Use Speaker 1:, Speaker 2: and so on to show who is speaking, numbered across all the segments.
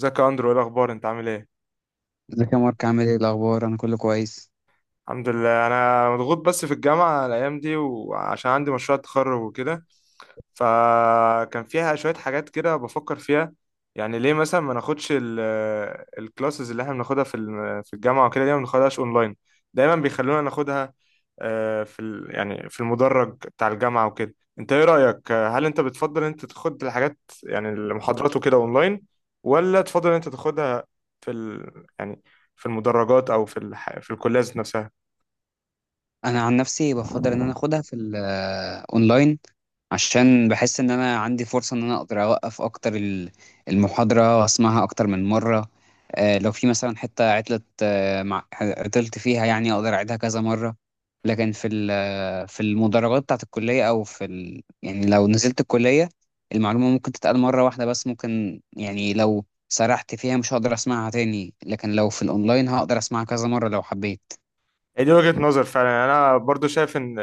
Speaker 1: ازيك يا اندرو؟ ايه الاخبار؟ انت عامل ايه؟
Speaker 2: ازيك يا مارك، عامل ايه الاخبار؟ انا كله كويس.
Speaker 1: الحمد لله، انا مضغوط بس في الجامعه الايام دي، وعشان عندي مشروع تخرج وكده فكان فيها شوية حاجات كده بفكر فيها. يعني ليه مثلا ما ناخدش الكلاسز اللي احنا بناخدها في الجامعة وكده؟ ليه ما بناخدهاش اونلاين؟ دايما بيخلونا ناخدها، يعني في المدرج بتاع الجامعة وكده. انت ايه رأيك؟ هل انت بتفضل انت تاخد الحاجات يعني المحاضرات وكده اونلاين، ولا تفضل انت تاخدها في ال... يعني في المدرجات او في الكلية ذات نفسها؟
Speaker 2: انا عن نفسي بفضل ان اخدها في الاونلاين، عشان بحس ان انا عندي فرصه ان انا اقدر اوقف اكتر المحاضره واسمعها اكتر من مره. لو في مثلا حته عطلت، مع عطلت فيها، يعني اقدر اعيدها كذا مره. لكن في في المدرجات بتاعت الكليه، او في يعني لو نزلت الكليه، المعلومه ممكن تتقال مره واحده بس، ممكن يعني لو سرحت فيها مش هقدر اسمعها تاني، لكن لو في الاونلاين هقدر اسمعها كذا مره لو حبيت.
Speaker 1: هي دي وجهة نظر فعلا. يعني انا برضو شايف ان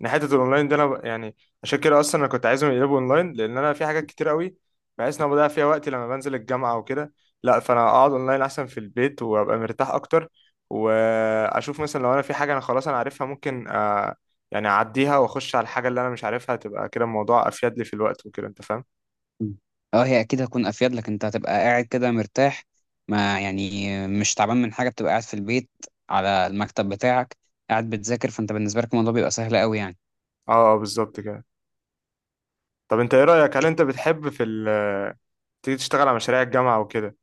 Speaker 1: ان حته الاونلاين دي، انا يعني عشان كده اصلا انا كنت عايزهم يقلبوا اونلاين، لان انا في حاجات كتير قوي بحيث ان انا بضيع فيها وقتي لما بنزل الجامعه وكده. لا فانا اقعد اونلاين احسن في البيت وابقى مرتاح اكتر، واشوف مثلا لو انا في حاجه انا خلاص انا عارفها ممكن يعني اعديها واخش على الحاجه اللي انا مش عارفها. تبقى كده الموضوع افيد لي في الوقت وكده، انت فاهم؟
Speaker 2: مم. اه، هي اكيد هتكون افيد لك، انت هتبقى قاعد كده مرتاح، ما يعني مش تعبان من حاجه، بتبقى قاعد في البيت على المكتب بتاعك قاعد بتذاكر، فانت بالنسبه لك الموضوع بيبقى سهل قوي يعني.
Speaker 1: اه بالظبط كده. طب انت ايه رايك؟ هل انت بتحب تيجي تشتغل على مشاريع الجامعه وكده؟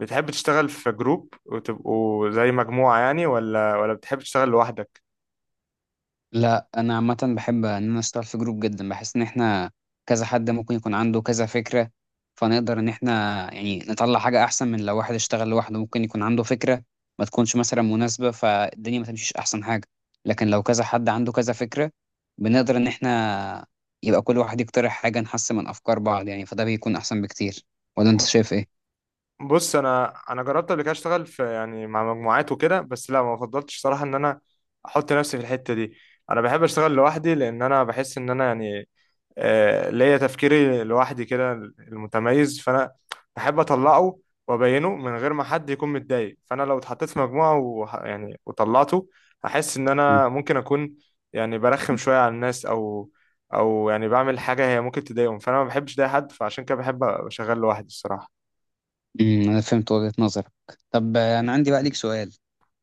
Speaker 1: بتحب تشتغل في جروب وتبقوا زي مجموعة يعني، ولا بتحب تشتغل لوحدك؟
Speaker 2: لا، انا عامه بحب ان انا اشتغل في جروب جدا، بحس ان احنا كذا حد ممكن يكون عنده كذا فكره، فنقدر ان احنا يعني نطلع حاجه احسن. من لو واحد اشتغل لوحده ممكن يكون عنده فكره ما تكونش مثلا مناسبه فالدنيا ما تمشيش احسن حاجه، لكن لو كذا حد عنده كذا فكره بنقدر ان احنا يبقى كل واحد يقترح حاجه نحسن من افكار بعض يعني، فده بيكون احسن بكتير. ولا انت شايف ايه؟
Speaker 1: بص، انا جربت قبل كده اشتغل في، يعني، مع مجموعات وكده، بس لا ما فضلتش صراحة ان انا احط نفسي في الحتة دي. انا بحب اشتغل لوحدي، لان انا بحس ان انا يعني ليا تفكيري لوحدي كده المتميز، فانا بحب اطلعه وابينه من غير ما حد يكون متضايق. فانا لو اتحطيت في مجموعه يعني وطلعته هحس ان انا ممكن اكون يعني برخم شويه على الناس، او او يعني بعمل حاجه هي ممكن تضايقهم، فانا ما بحبش ده حد. فعشان كده بحب ابقى شغال لوحدي الصراحه.
Speaker 2: امم، انا فهمت وجهة نظرك. طب انا عندي بقى ليك سؤال.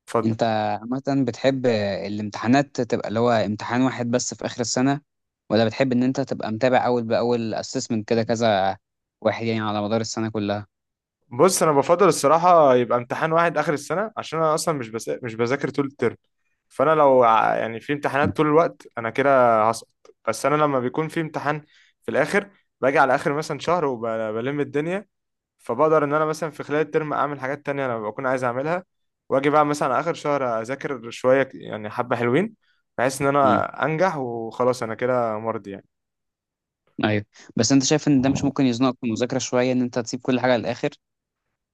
Speaker 1: اتفضل.
Speaker 2: انت عامة بتحب الامتحانات تبقى اللي هو امتحان واحد بس في آخر السنة، ولا بتحب ان انت تبقى متابع اول بأول، assessment كده كذا واحد يعني على مدار السنة كلها؟
Speaker 1: بص، انا بفضل الصراحه يبقى امتحان واحد اخر السنه، عشان انا اصلا مش بذاكر طول الترم. فانا لو يعني في امتحانات طول الوقت، انا كده هسقط. بس انا لما بيكون في امتحان في الاخر، باجي على اخر مثلا شهر وبلم الدنيا، فبقدر ان انا مثلا في خلال الترم اعمل حاجات تانية انا بكون عايز اعملها، واجي بقى مثلا على اخر شهر اذاكر شويه، يعني حبه حلوين، بحيث ان
Speaker 2: امم،
Speaker 1: انا انجح وخلاص. انا كده مرضي يعني.
Speaker 2: ايوه. بس انت شايف ان ده مش ممكن يزنقك في المذاكرة شوية، ان انت تسيب كل حاجة للآخر؟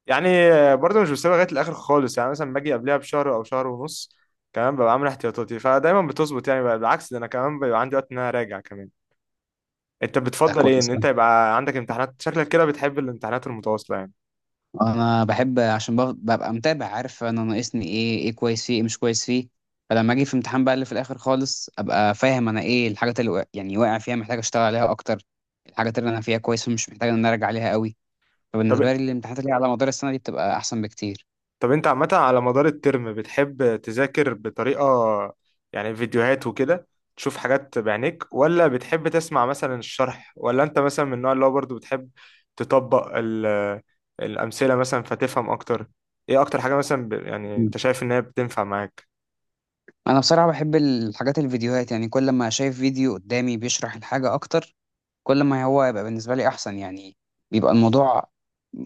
Speaker 1: يعني برضه مش بسيبها لغايه الاخر خالص، يعني مثلا باجي قبلها بشهر او شهر ونص كمان، ببقى عامل احتياطاتي، فدايما بتظبط يعني. بقى بالعكس، ده انا كمان بيبقى عندي وقت ان انا اراجع كمان. انت
Speaker 2: ده
Speaker 1: بتفضل ايه؟ ان
Speaker 2: كويس
Speaker 1: انت
Speaker 2: أوي.
Speaker 1: يبقى عندك امتحانات، شكلك كده بتحب الامتحانات المتواصله يعني؟
Speaker 2: انا بحب عشان ببقى متابع، عارف انا ناقصني ايه، ايه كويس فيه، ايه مش كويس فيه. فلما اجي في امتحان بقى اللي في الآخر خالص، ابقى فاهم انا ايه الحاجات اللي يعني واقع فيها محتاج اشتغل عليها اكتر، الحاجات اللي انا فيها كويس ومش محتاج ان انا ارجع عليها قوي.
Speaker 1: طب
Speaker 2: فبالنسبة لي الامتحانات اللي على مدار السنة دي بتبقى أحسن بكتير.
Speaker 1: طب انت عامة، على مدار الترم بتحب تذاكر بطريقة، يعني، فيديوهات وكده، تشوف حاجات بعينيك، ولا بتحب تسمع مثلا الشرح، ولا انت مثلا من النوع اللي هو برضه بتحب تطبق الأمثلة مثلا فتفهم أكتر؟ ايه أكتر حاجة مثلا يعني
Speaker 2: مم.
Speaker 1: انت شايف ان هي بتنفع معاك؟
Speaker 2: أنا بصراحة بحب الحاجات الفيديوهات، يعني كل ما شايف فيديو قدامي بيشرح الحاجة أكتر، كل ما هو يبقى بالنسبة لي أحسن يعني. بيبقى الموضوع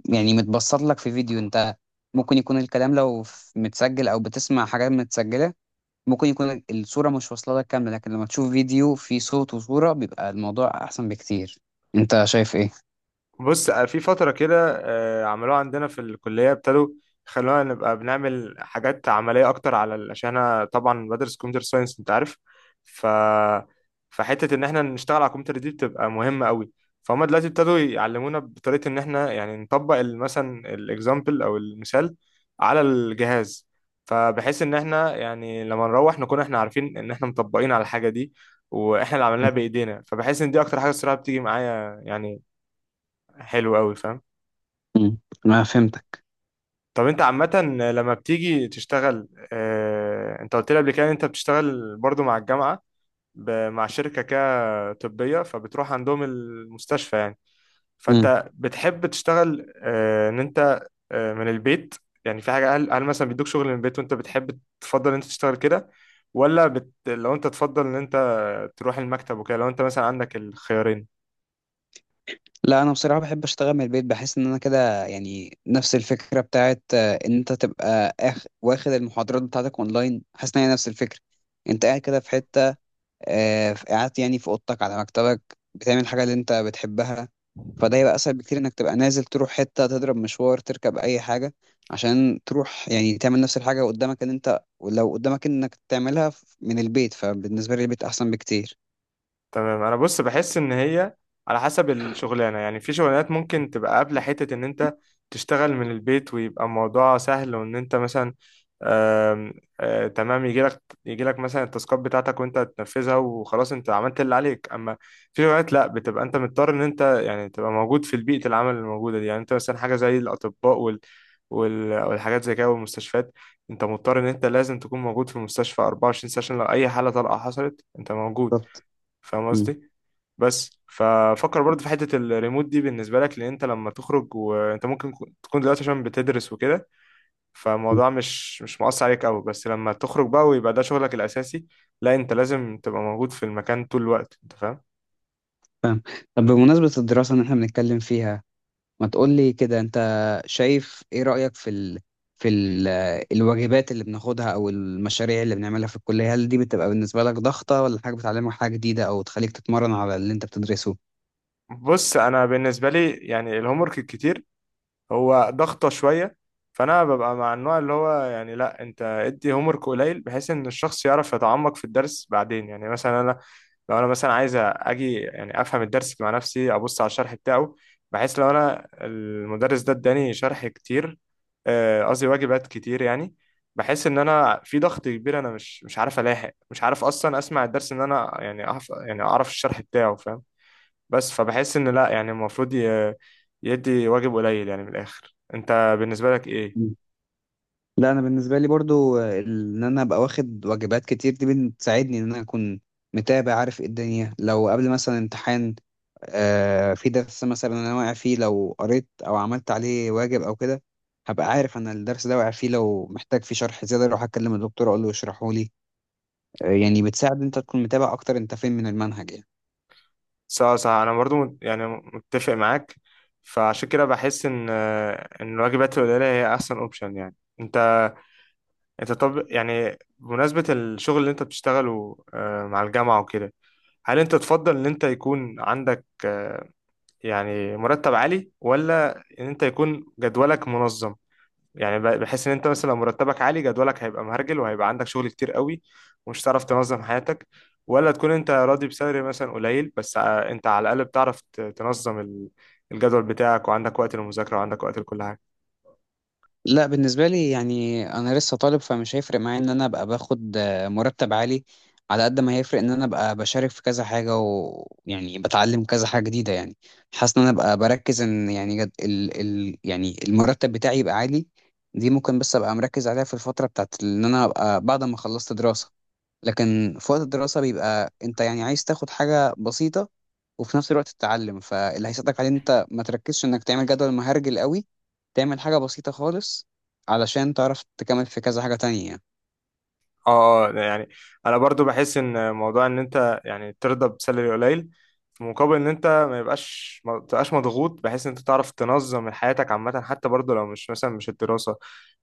Speaker 2: يعني متبسط لك في فيديو. أنت ممكن يكون الكلام لو متسجل أو بتسمع حاجات متسجلة، ممكن يكون الصورة مش واصلة لك كاملة، لكن لما تشوف فيديو فيه صوت وصورة بيبقى الموضوع أحسن بكتير. أنت شايف إيه؟
Speaker 1: بص، في فترة كده عملوها عندنا في الكلية، ابتدوا خلونا نبقى بنعمل حاجات عملية أكتر على عشان أنا طبعا بدرس كمبيوتر ساينس أنت عارف. ف فحتة إن إحنا نشتغل على الكمبيوتر دي بتبقى مهمة قوي. فهم دلوقتي ابتدوا يعلمونا بطريقة إن إحنا يعني نطبق مثلا الإكزامبل أو المثال على الجهاز، فبحيث إن إحنا يعني لما نروح نكون إحنا عارفين إن إحنا مطبقين على الحاجة دي، وإحنا اللي عملناها بإيدينا. فبحس إن دي أكتر حاجة الصراحة بتيجي معايا يعني. حلو قوي، فاهم.
Speaker 2: مم. ما فهمتك.
Speaker 1: طب انت عامة، لما بتيجي تشتغل، انت قلت لي قبل كده ان انت بتشتغل برضو مع الجامعة، مع شركة كده طبية، فبتروح عندهم المستشفى يعني. فانت بتحب تشتغل، ان انت، اه من البيت؟ يعني في حاجة، هل مثلا بيدوك شغل من البيت وانت بتحب تفضل ان انت تشتغل كده، ولا لو انت تفضل ان انت تروح المكتب وكده، لو انت مثلا عندك الخيارين؟
Speaker 2: لا انا بصراحه بحب اشتغل من البيت، بحس ان انا كده يعني نفس الفكره بتاعت ان انت تبقى واخد المحاضرات بتاعتك اونلاين، حاسس ان هي نفس الفكره. انت قاعد كده في حته، قاعد يعني في اوضتك على مكتبك بتعمل حاجه اللي انت بتحبها، فده يبقى اسهل بكتير. انك تبقى نازل تروح حته تضرب مشوار تركب اي حاجه عشان تروح يعني تعمل نفس الحاجه، قدامك ان انت لو قدامك انك تعملها من البيت، فبالنسبه لي البيت احسن بكتير.
Speaker 1: تمام. انا بص بحس ان هي على حسب الشغلانه يعني. في شغلانات ممكن تبقى قابله حته ان انت تشتغل من البيت ويبقى الموضوع سهل، وان انت مثلا، آم، تمام، يجي لك مثلا التاسكات بتاعتك وانت تنفذها وخلاص انت عملت اللي عليك. اما في شغلانات لا، بتبقى انت مضطر ان انت يعني تبقى موجود في البيئه العمل الموجوده دي، يعني انت مثلا حاجه زي الاطباء والحاجات زي كده والمستشفيات. انت مضطر ان انت لازم تكون موجود في المستشفى 24 ساعه، عشان لو اي حاله طارئه حصلت انت موجود.
Speaker 2: بالظبط.
Speaker 1: فاهم
Speaker 2: مم.
Speaker 1: قصدي؟ بس ففكر برضه في حتة الريموت دي بالنسبة لك، لأن أنت لما تخرج، وأنت ممكن تكون دلوقتي عشان بتدرس وكده فالموضوع مش مؤثر عليك أوي، بس لما تخرج بقى ويبقى ده شغلك الأساسي، لا أنت لازم تبقى موجود في المكان طول الوقت، أنت فاهم.
Speaker 2: فاهم. طب بمناسبة الدراسة اللي احنا بنتكلم فيها، ما تقولي كده، انت شايف ايه رأيك في في ال... الواجبات اللي بناخدها او المشاريع اللي بنعملها في الكلية؟ هل دي بتبقى بالنسبة لك ضغطة، ولا حاجة بتعلمك حاجة جديدة او تخليك تتمرن على اللي انت بتدرسه؟
Speaker 1: بص، أنا بالنسبة لي يعني الهومورك الكتير هو ضغطة شوية. فأنا ببقى مع النوع اللي هو يعني، لا أنت ادي هومورك قليل بحيث إن الشخص يعرف يتعمق في الدرس بعدين، يعني مثلا أنا لو أنا مثلا عايز أجي يعني أفهم الدرس مع نفسي أبص على الشرح بتاعه، بحيث لو أنا المدرس ده اداني شرح كتير، قصدي واجبات كتير يعني، بحس إن أنا في ضغط كبير، أنا مش عارف ألاحق، مش عارف أصلا أسمع الدرس إن أنا يعني أعرف يعني أعرف الشرح بتاعه، فاهم؟ بس فبحس ان لا، يعني المفروض يدي واجب قليل يعني. من الاخر، انت بالنسبه لك ايه؟
Speaker 2: مم. لا، انا بالنسبة لي برضو ان انا ابقى واخد واجبات كتير دي بتساعدني ان انا اكون متابع، عارف ايه الدنيا. لو قبل مثلا امتحان، في درس مثلا انا واقع فيه، لو قريت او عملت عليه واجب او كده هبقى عارف انا الدرس ده واقع فيه، لو محتاج فيه شرح زياده اروح اكلم الدكتور اقول له يشرحه لي. يعني بتساعد انت تكون متابع اكتر انت فين من المنهج يعني.
Speaker 1: صح صح، انا برضو يعني متفق معاك، فعشان كده بحس ان الواجبات القليله هي احسن اوبشن يعني. انت، انت طب، يعني بمناسبه الشغل اللي انت بتشتغله مع الجامعه وكده، هل انت تفضل ان انت يكون عندك يعني مرتب عالي، ولا ان انت يكون جدولك منظم؟ يعني بحس ان انت مثلا لو مرتبك عالي جدولك هيبقى مهرجل، وهيبقى عندك شغل كتير قوي ومش هتعرف تنظم حياتك، ولا تكون انت راضي بسالري مثلا قليل بس، انت على الاقل بتعرف تنظم الجدول بتاعك، وعندك وقت للمذاكرة، وعندك وقت لكل حاجة.
Speaker 2: لا بالنسبة لي يعني أنا لسه طالب، فمش هيفرق معايا إن أنا أبقى باخد مرتب عالي على قد ما هيفرق إن أنا أبقى بشارك في كذا حاجة، ويعني بتعلم كذا حاجة جديدة يعني. حاسس إن أنا أبقى بركز إن يعني جد ال يعني المرتب بتاعي يبقى عالي، دي ممكن بس أبقى مركز عليها في الفترة بتاعت إن أنا أبقى بعد ما خلصت دراسة. لكن في وقت الدراسة بيبقى انت يعني عايز تاخد حاجة بسيطة وفي نفس الوقت تتعلم، فاللي هيساعدك عليه انت ما تركزش انك تعمل جدول مهرجل قوي، تعمل حاجة بسيطة خالص علشان تعرف تكمل في كذا حاجة تانية.
Speaker 1: اه ده يعني، انا برضو بحس ان موضوع ان انت يعني ترضى بسالري قليل في مقابل ان انت ما تبقاش مضغوط بحيث ان انت تعرف تنظم من حياتك عامه، حتى برضو لو مش مثلا مش الدراسه،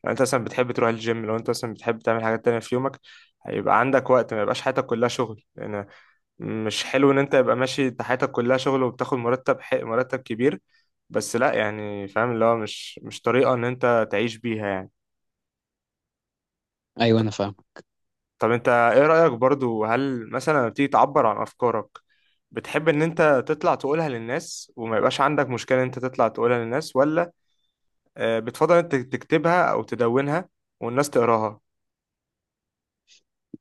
Speaker 1: لو انت مثلا بتحب تروح الجيم، لو انت مثلا بتحب تعمل حاجات تانية في يومك هيبقى عندك وقت، ما يبقاش حياتك كلها شغل. لان مش حلو ان انت يبقى ماشي انت حياتك كلها شغل وبتاخد مرتب حق مرتب كبير، بس لا يعني، فاهم، اللي هو مش طريقه ان انت تعيش بيها يعني.
Speaker 2: ايوه انا فاهم.
Speaker 1: طب انت ايه رأيك برضو، هل مثلا لما بتيجي تعبر عن افكارك بتحب ان انت تطلع تقولها للناس وما يبقاش عندك مشكلة ان انت تطلع تقولها للناس، ولا بتفضل انت تكتبها او تدونها والناس تقراها؟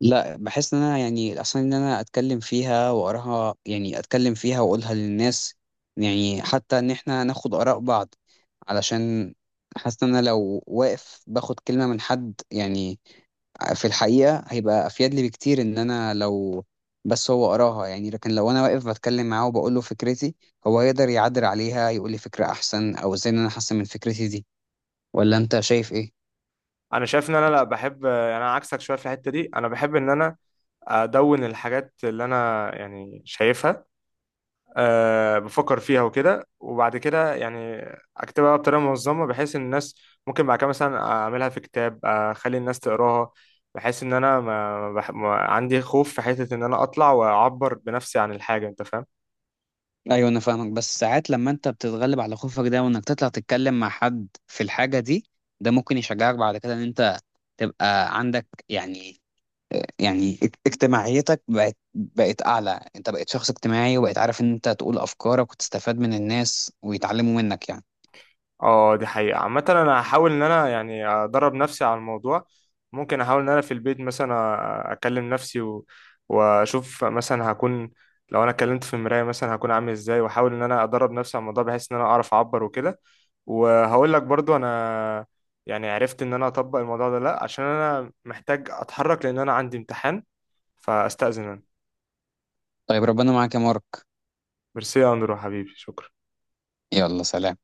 Speaker 2: لا، بحس ان انا يعني اصلا ان انا اتكلم فيها واقراها، يعني اتكلم فيها واقولها للناس، يعني حتى ان احنا ناخد اراء بعض، علشان حاسس ان انا لو واقف باخد كلمة من حد يعني، في الحقيقة هيبقى أفيد لي بكتير إن أنا لو بس هو قراها يعني، لكن لو أنا واقف بتكلم معاه وبقول له فكرتي، هو هيقدر يعدل عليها يقول لي فكرة أحسن، أو إزاي إن أنا أحسن من فكرتي دي. ولا أنت شايف إيه؟
Speaker 1: انا شايف ان انا لا، بحب، انا عكسك شوية في الحتة دي. انا بحب ان انا ادون الحاجات اللي انا يعني شايفها، أه بفكر فيها وكده، وبعد كده يعني اكتبها بطريقه منظمه بحيث ان الناس ممكن بعد كده مثلا اعملها في كتاب اخلي الناس تقراها، بحيث ان انا ما عندي خوف في حته ان انا اطلع واعبر بنفسي عن الحاجه، انت فاهم.
Speaker 2: أيوه أنا فاهمك، بس ساعات لما أنت بتتغلب على خوفك ده وإنك تطلع تتكلم مع حد في الحاجة دي، ده ممكن يشجعك بعد كده إن أنت تبقى عندك يعني، يعني اجتماعيتك بقت أعلى. أنت بقيت شخص اجتماعي وبقيت عارف إن أنت تقول أفكارك وتستفاد من الناس ويتعلموا منك يعني.
Speaker 1: اه، دي حقيقة عامة. انا هحاول ان انا يعني ادرب نفسي على الموضوع. ممكن احاول ان انا في البيت مثلا اكلم نفسي واشوف مثلا هكون، لو انا اتكلمت في المراية مثلا هكون عامل ازاي، واحاول ان انا ادرب نفسي على الموضوع بحيث ان انا اعرف اعبر وكده. وهقول لك برضو انا يعني عرفت ان انا اطبق الموضوع ده. لا عشان انا محتاج اتحرك، لان انا عندي امتحان، فاستأذن انا.
Speaker 2: طيب ربنا معاك يا مارك.
Speaker 1: ميرسي يا اندرو حبيبي، شكرا.
Speaker 2: يلا سلام.